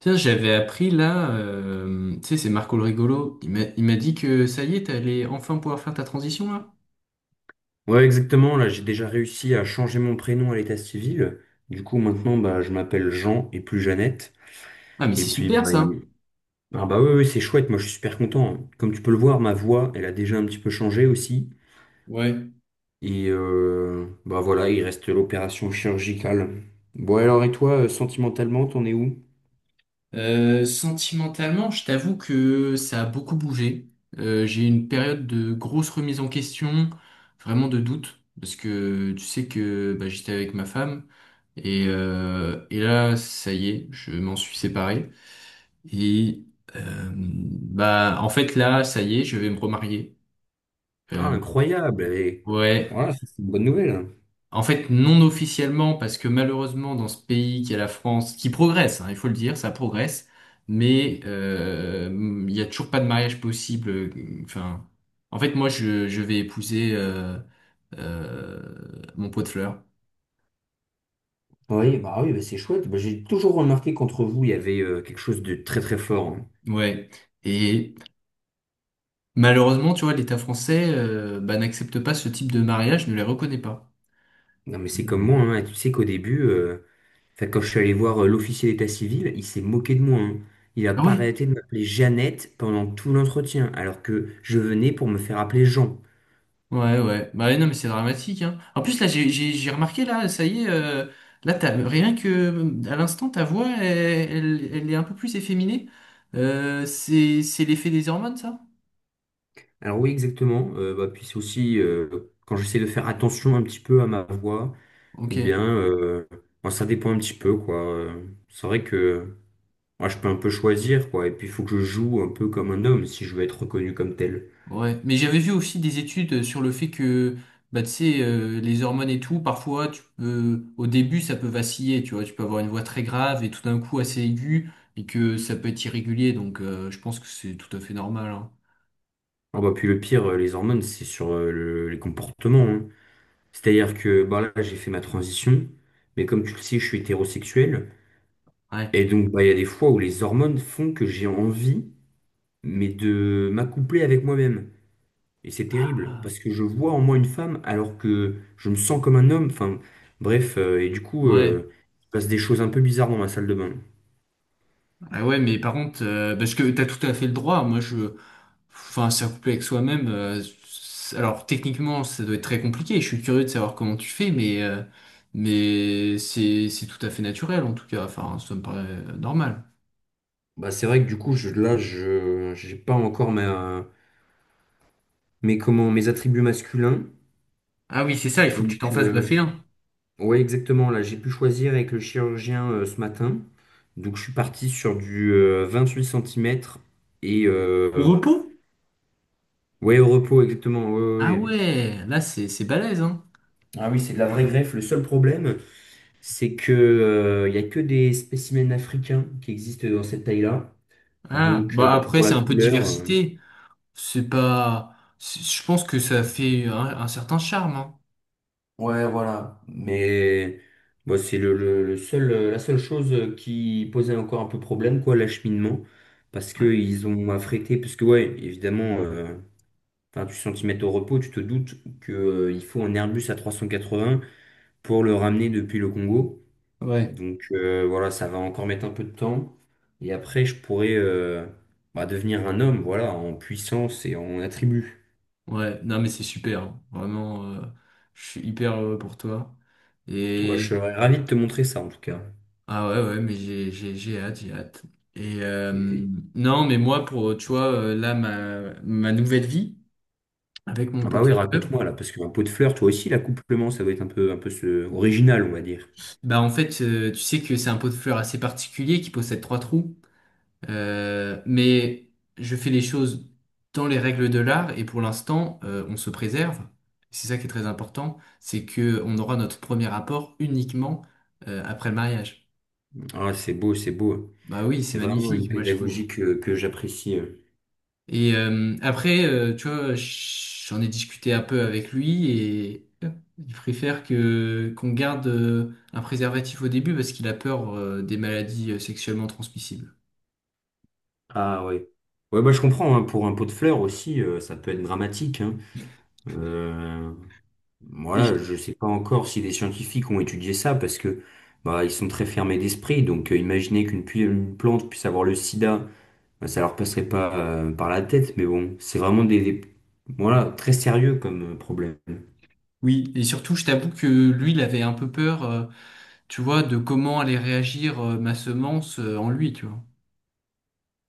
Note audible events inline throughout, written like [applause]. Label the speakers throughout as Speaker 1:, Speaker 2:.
Speaker 1: Tiens, j'avais appris là, tu sais, c'est Marco le rigolo. Il m'a dit que ça y est, t'allais enfin pouvoir faire ta transition là.
Speaker 2: Ouais, exactement. Là, j'ai déjà réussi à changer mon prénom à l'état civil. Du coup, maintenant, bah, je m'appelle Jean et plus Jeannette.
Speaker 1: Ah, mais
Speaker 2: Et
Speaker 1: c'est
Speaker 2: puis,
Speaker 1: super
Speaker 2: bah,
Speaker 1: ça.
Speaker 2: ah bah oui, oui, c'est chouette. Moi, je suis super content. Comme tu peux le voir, ma voix, elle a déjà un petit peu changé aussi.
Speaker 1: Ouais.
Speaker 2: Et bah voilà, il reste l'opération chirurgicale. Bon, alors, et toi, sentimentalement, t'en es où?
Speaker 1: Sentimentalement, je t'avoue que ça a beaucoup bougé. J'ai eu une période de grosse remise en question, vraiment de doute, parce que tu sais que bah, j'étais avec ma femme et là, ça y est, je m'en suis séparé. Et bah, en fait là, ça y est, je vais me remarier.
Speaker 2: Ah,
Speaker 1: Euh,
Speaker 2: incroyable. Et
Speaker 1: ouais.
Speaker 2: voilà, ça, c'est une bonne nouvelle.
Speaker 1: En fait, non officiellement, parce que malheureusement, dans ce pays qui est la France, qui progresse, hein, il faut le dire, ça progresse, mais il n'y a toujours pas de mariage possible. Enfin, en fait, moi, je vais épouser euh, mon pot de fleurs.
Speaker 2: Oui, bah, c'est chouette. Bah, j'ai toujours remarqué qu'entre vous, il y avait quelque chose de très très fort, hein.
Speaker 1: Ouais. Et malheureusement, tu vois, l'État français bah, n'accepte pas ce type de mariage, ne les reconnaît pas.
Speaker 2: Non, mais c'est comme moi, hein. Tu sais qu'au début. Enfin, quand je suis allé voir l'officier d'état civil, il s'est moqué de moi, hein. Il a
Speaker 1: Ah
Speaker 2: pas
Speaker 1: ouais.
Speaker 2: arrêté de m'appeler Jeannette pendant tout l'entretien, alors que je venais pour me faire appeler Jean.
Speaker 1: Ouais, ouais. Bah ouais, non, mais c'est dramatique, hein. En plus, là, j'ai remarqué, là, ça y est, là, t'as, rien que, à l'instant, ta voix, elle est un peu plus efféminée. C'est l'effet des hormones, ça?
Speaker 2: Alors oui, exactement. Bah, puis c'est aussi quand j'essaie de faire attention un petit peu à ma voix, ou bien
Speaker 1: Ok,
Speaker 2: bon, ça dépend un petit peu, quoi. C'est vrai que moi, je peux un peu choisir, quoi. Et puis il faut que je joue un peu comme un homme si je veux être reconnu comme tel.
Speaker 1: ouais. Mais j'avais vu aussi des études sur le fait que, bah, tu sais, les hormones et tout, parfois, tu peux, au début, ça peut vaciller, tu vois. Tu peux avoir une voix très grave et tout d'un coup assez aiguë et que ça peut être irrégulier, donc je pense que c'est tout à fait normal, hein.
Speaker 2: Ah bah, puis le pire, les hormones, c'est sur les comportements, hein. C'est-à-dire que bah là, j'ai fait ma transition, mais comme tu le sais, je suis hétérosexuel.
Speaker 1: Ouais.
Speaker 2: Et donc, bah, il y a des fois où les hormones font que j'ai envie, mais de m'accoupler avec moi-même. Et c'est terrible, parce que je vois en moi une femme alors que je me sens comme un homme. Enfin, bref, et du coup,
Speaker 1: Ouais.
Speaker 2: il se passe des choses un peu bizarres dans ma salle de bain.
Speaker 1: Ah ouais, mais par contre, parce que t'as tout à fait le droit. Moi, je, enfin, c'est couplé avec soi-même. Alors, techniquement, ça doit être très compliqué. Je suis curieux de savoir comment tu fais, mais c'est tout à fait naturel en tout cas. Enfin, ça me paraît normal.
Speaker 2: Bah, c'est vrai que du coup, là, j'ai pas encore mes, comment, mes attributs masculins.
Speaker 1: Ah oui, c'est ça. Il faut que tu
Speaker 2: Donc,
Speaker 1: t'en fasses greffer un.
Speaker 2: oui, exactement. Là, j'ai pu choisir avec le chirurgien ce matin. Donc, je suis parti sur du 8 centimètres et
Speaker 1: Au repos?
Speaker 2: ouais, au repos, exactement. Ouais, ouais,
Speaker 1: Ah
Speaker 2: ouais.
Speaker 1: ouais, c'est balèze, hein.
Speaker 2: Ah oui, c'est de la vraie greffe. Le seul problème, c'est que il y a que des spécimens africains qui existent dans cette taille-là.
Speaker 1: Ah,
Speaker 2: Donc,
Speaker 1: bah
Speaker 2: bon,
Speaker 1: après,
Speaker 2: pour la
Speaker 1: c'est un peu de
Speaker 2: couleur,
Speaker 1: diversité. C'est pas, c'est- Je pense que ça fait un certain charme, hein.
Speaker 2: ouais, voilà. Mais bon, c'est le seul, la seule chose qui posait encore un peu problème, quoi, l'acheminement. Parce
Speaker 1: Ouais.
Speaker 2: qu'ils ont affrété, parce que, ouais, évidemment. Enfin, tu centimètres au repos, tu te doutes que, il faut un Airbus A380 pour le ramener depuis le Congo.
Speaker 1: Ouais.
Speaker 2: Donc voilà, ça va encore mettre un peu de temps. Et après, je pourrais bah, devenir un homme, voilà, en puissance et en attributs.
Speaker 1: Ouais, non mais c'est super, hein. Vraiment, je suis hyper heureux pour toi.
Speaker 2: Bah, je
Speaker 1: Et
Speaker 2: serais ravi de te montrer ça en tout cas.
Speaker 1: ah ouais, ouais, mais j'ai hâte, j'ai hâte. Et
Speaker 2: Et puis-
Speaker 1: non, mais moi pour tu vois là ma nouvelle vie avec mon
Speaker 2: Ah
Speaker 1: pot
Speaker 2: bah
Speaker 1: de
Speaker 2: oui,
Speaker 1: fleurs,
Speaker 2: raconte-moi là, parce qu'un pot de fleurs, toi aussi, l'accouplement, ça doit être un peu original, on va dire.
Speaker 1: bah en fait tu sais que c'est un pot de fleurs assez particulier qui possède trois trous. Mais je fais les choses dans les règles de l'art et pour l'instant, on se préserve. C'est ça qui est très important, c'est que on aura notre premier rapport uniquement après le mariage.
Speaker 2: Ah, c'est beau, c'est beau.
Speaker 1: Bah oui,
Speaker 2: C'est
Speaker 1: c'est
Speaker 2: vraiment une
Speaker 1: magnifique, moi je
Speaker 2: pédagogie
Speaker 1: trouve.
Speaker 2: que j'apprécie, euh.
Speaker 1: Et après, tu vois, j'en ai discuté un peu avec lui et il préfère que qu'on garde un préservatif au début parce qu'il a peur des maladies sexuellement transmissibles.
Speaker 2: Ah ouais. Ouais, bah, je comprends, hein, pour un pot de fleurs aussi, ça peut être dramatique, hein. Euh,
Speaker 1: Et je-
Speaker 2: voilà, je sais pas encore si des scientifiques ont étudié ça parce que bah, ils sont très fermés d'esprit. Donc imaginer une plante puisse avoir le sida, bah, ça leur passerait pas par la tête. Mais bon, c'est vraiment voilà, très sérieux comme problème.
Speaker 1: oui, et surtout, je t'avoue que lui, il avait un peu peur. Tu vois, de comment allait réagir ma semence en lui, tu vois.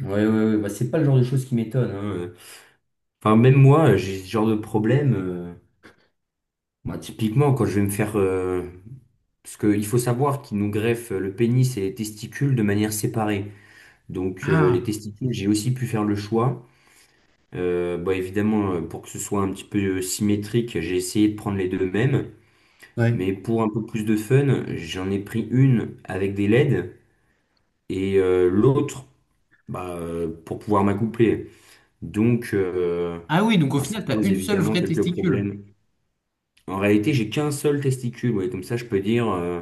Speaker 2: Ouais, ouais, ouais, bah, c'est pas le genre de choses qui m'étonne, hein. Enfin, même moi, j'ai ce genre de problème, bah, typiquement, quand je vais me faire, parce qu'il faut savoir qu'ils nous greffent le pénis et les testicules de manière séparée. Donc les
Speaker 1: Ah,
Speaker 2: testicules, j'ai aussi pu faire le choix. Bah, évidemment, pour que ce soit un petit peu symétrique, j'ai essayé de prendre les deux mêmes. Mais
Speaker 1: ouais.
Speaker 2: pour un peu plus de fun, j'en ai pris une avec des LED et l'autre bah, pour pouvoir m'accoupler. Donc
Speaker 1: Ah oui, donc au
Speaker 2: bah, ça
Speaker 1: final, t'as
Speaker 2: pose
Speaker 1: une seule
Speaker 2: évidemment
Speaker 1: vraie
Speaker 2: quelques
Speaker 1: testicule.
Speaker 2: problèmes. En réalité, j'ai qu'un seul testicule, ouais, comme ça je peux dire, euh.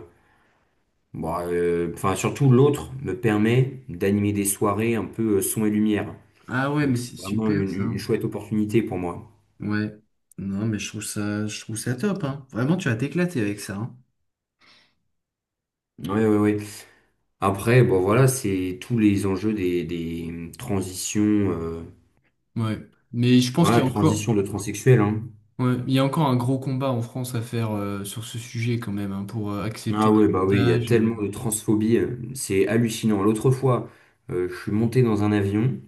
Speaker 2: Bon, enfin, surtout l'autre me permet d'animer des soirées un peu son et lumière.
Speaker 1: Ah ouais,
Speaker 2: Donc
Speaker 1: mais
Speaker 2: c'est
Speaker 1: c'est
Speaker 2: vraiment
Speaker 1: super ça.
Speaker 2: une chouette opportunité pour moi.
Speaker 1: Ouais. Non, mais je trouve ça top, hein. Vraiment, tu vas t'éclater avec ça, hein.
Speaker 2: Ouais, ouais, ouais. Après, bon voilà, c'est tous les enjeux des transitions,
Speaker 1: Ouais. Mais je pense qu'il y
Speaker 2: voilà,
Speaker 1: a encore,
Speaker 2: transition de transsexuel, hein.
Speaker 1: ouais, il y a encore un gros combat en France à faire sur ce sujet quand même, hein, pour accepter
Speaker 2: Ah ouais, bah oui, il y a
Speaker 1: davantage.
Speaker 2: tellement de transphobie, c'est hallucinant. L'autre fois, je suis monté dans un avion,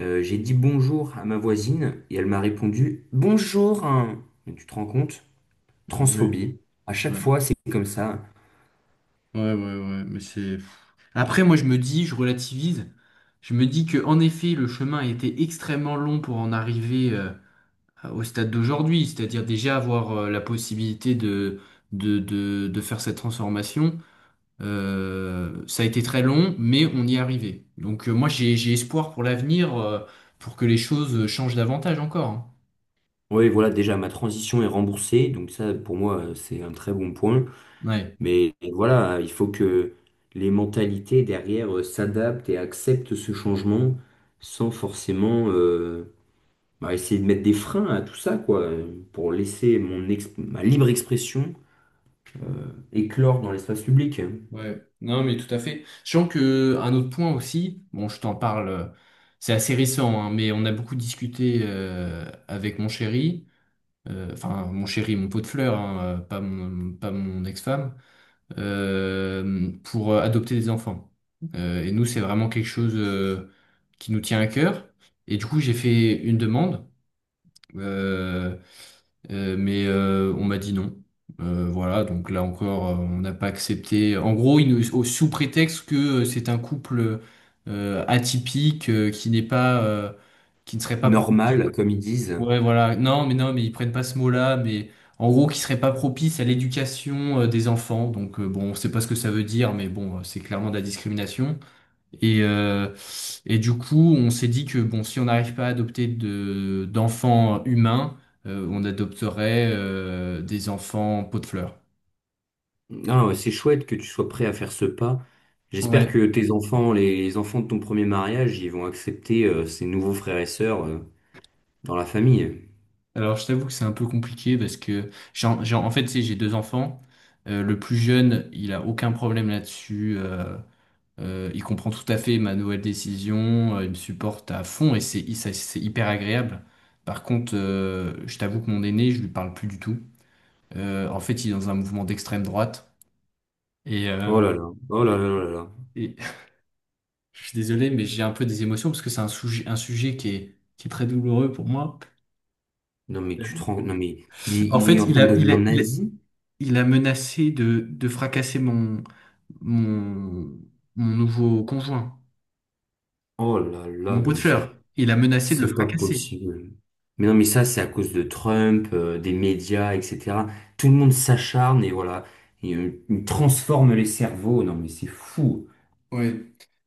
Speaker 2: j'ai dit bonjour à ma voisine et elle m'a répondu bonjour, hein. Mais tu te rends compte?
Speaker 1: Ah ouais.
Speaker 2: Transphobie. À chaque
Speaker 1: Ouais.
Speaker 2: fois, c'est comme ça.
Speaker 1: Ouais, ouais, ouais, mais c'est... Après, moi, je me dis, je relativise, je me dis que en effet, le chemin a été extrêmement long pour en arriver au stade d'aujourd'hui, c'est-à-dire déjà avoir la possibilité de faire cette transformation. Ça a été très long, mais on y est arrivé. Donc, moi, j'ai espoir pour l'avenir, pour que les choses changent davantage encore. Hein.
Speaker 2: Oui, voilà, déjà ma transition est remboursée, donc ça pour moi c'est un très bon point.
Speaker 1: Ouais.
Speaker 2: Mais voilà, il faut que les mentalités derrière s'adaptent et acceptent ce changement sans forcément bah, essayer de mettre des freins à tout ça, quoi, pour laisser ma libre expression éclore dans l'espace public, hein.
Speaker 1: Ouais, non, mais tout à fait. Sachant que un autre point aussi, bon, je t'en parle, c'est assez récent, hein, mais on a beaucoup discuté avec mon chéri, enfin mon chéri, mon pot de fleurs, hein, pas mon, pas mon ex-femme, pour adopter des enfants. Et nous, c'est vraiment quelque chose qui nous tient à cœur. Et du coup, j'ai fait une demande. Euh, mais on m'a dit non. Voilà, donc là encore, on n'a pas accepté. En gros, sous prétexte que c'est un couple atypique qui n'est pas, qui ne serait pas propice.
Speaker 2: Normal, comme ils disent.
Speaker 1: Ouais, voilà. Non, mais non, mais ils prennent pas ce mot-là, mais en gros, qui serait pas propice à l'éducation des enfants. Donc bon, on sait pas ce que ça veut dire, mais bon, c'est clairement de la discrimination. Et, euh, et du coup, on s'est dit que bon, si on n'arrive pas à adopter d'enfants humains, on adopterait des enfants pot de fleurs.
Speaker 2: Ah, ouais, c'est chouette que tu sois prêt à faire ce pas. J'espère
Speaker 1: Ouais.
Speaker 2: que tes enfants, les enfants de ton premier mariage, ils vont accepter ces nouveaux frères et sœurs, dans la famille.
Speaker 1: Alors, je t'avoue que c'est un peu compliqué parce que en fait, tu sais, j'ai deux enfants. Le plus jeune, il a aucun problème là-dessus. Il comprend tout à fait ma nouvelle décision. Il me supporte à fond et c'est hyper agréable. Par contre, je t'avoue que mon aîné, je lui parle plus du tout. En fait, il est dans un mouvement d'extrême droite. Et,
Speaker 2: Oh
Speaker 1: euh,
Speaker 2: là là, oh là là oh là là.
Speaker 1: et [laughs] je suis désolé, mais j'ai un peu des émotions parce que c'est un sujet qui est très douloureux pour moi.
Speaker 2: Non mais tu te rends, non mais
Speaker 1: En
Speaker 2: il est
Speaker 1: fait,
Speaker 2: en train de devenir nazi?
Speaker 1: il a menacé de fracasser mon, mon nouveau conjoint,
Speaker 2: Oh là là,
Speaker 1: mon pot
Speaker 2: non
Speaker 1: de
Speaker 2: mais
Speaker 1: fleurs. Il a menacé de le
Speaker 2: c'est pas
Speaker 1: fracasser.
Speaker 2: possible. Mais non mais ça c'est à cause de Trump, des médias, etc. Tout le monde s'acharne et voilà, il transforme les cerveaux. Non mais c'est fou.
Speaker 1: Ouais.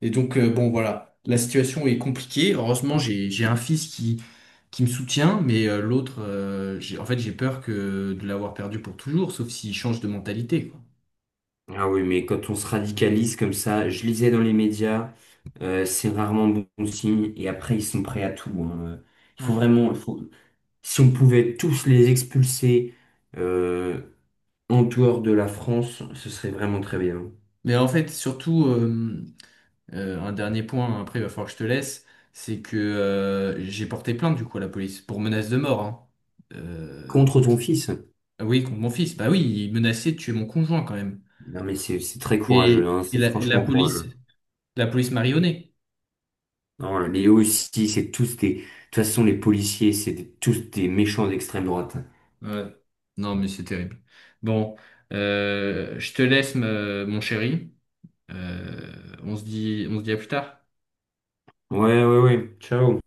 Speaker 1: Et donc, bon, voilà. La situation est compliquée. Heureusement, j'ai un fils qui me soutient, mais l'autre, en fait, j'ai peur que de l'avoir perdu pour toujours, sauf s'il change de mentalité, quoi.
Speaker 2: Ah oui, mais quand on se radicalise comme ça, je lisais dans les médias, c'est rarement bon signe, et après ils sont prêts à tout, hein. Il faut
Speaker 1: Ouais.
Speaker 2: vraiment, si on pouvait tous les expulser euh, en dehors de la France, ce serait vraiment très bien.
Speaker 1: Mais en fait, surtout, un dernier point, hein, après il va falloir que je te laisse, c'est que j'ai porté plainte du coup à la police pour menace de mort. Hein. Euh,
Speaker 2: Contre ton fils?
Speaker 1: ah oui, contre mon fils. Bah oui, il menaçait de tuer mon conjoint quand même.
Speaker 2: Non mais c'est très courageux, hein,
Speaker 1: Et
Speaker 2: c'est franchement courageux.
Speaker 1: la police marionnée.
Speaker 2: Non, les aussi, c'est tous des... De toute façon, les policiers, c'est tous des méchants d'extrême droite.
Speaker 1: Ouais. Non, mais c'est terrible. Bon, je te laisse, mon chéri. On se dit, on se dit à plus tard.
Speaker 2: Ouais, ouais, ouais. Ciao.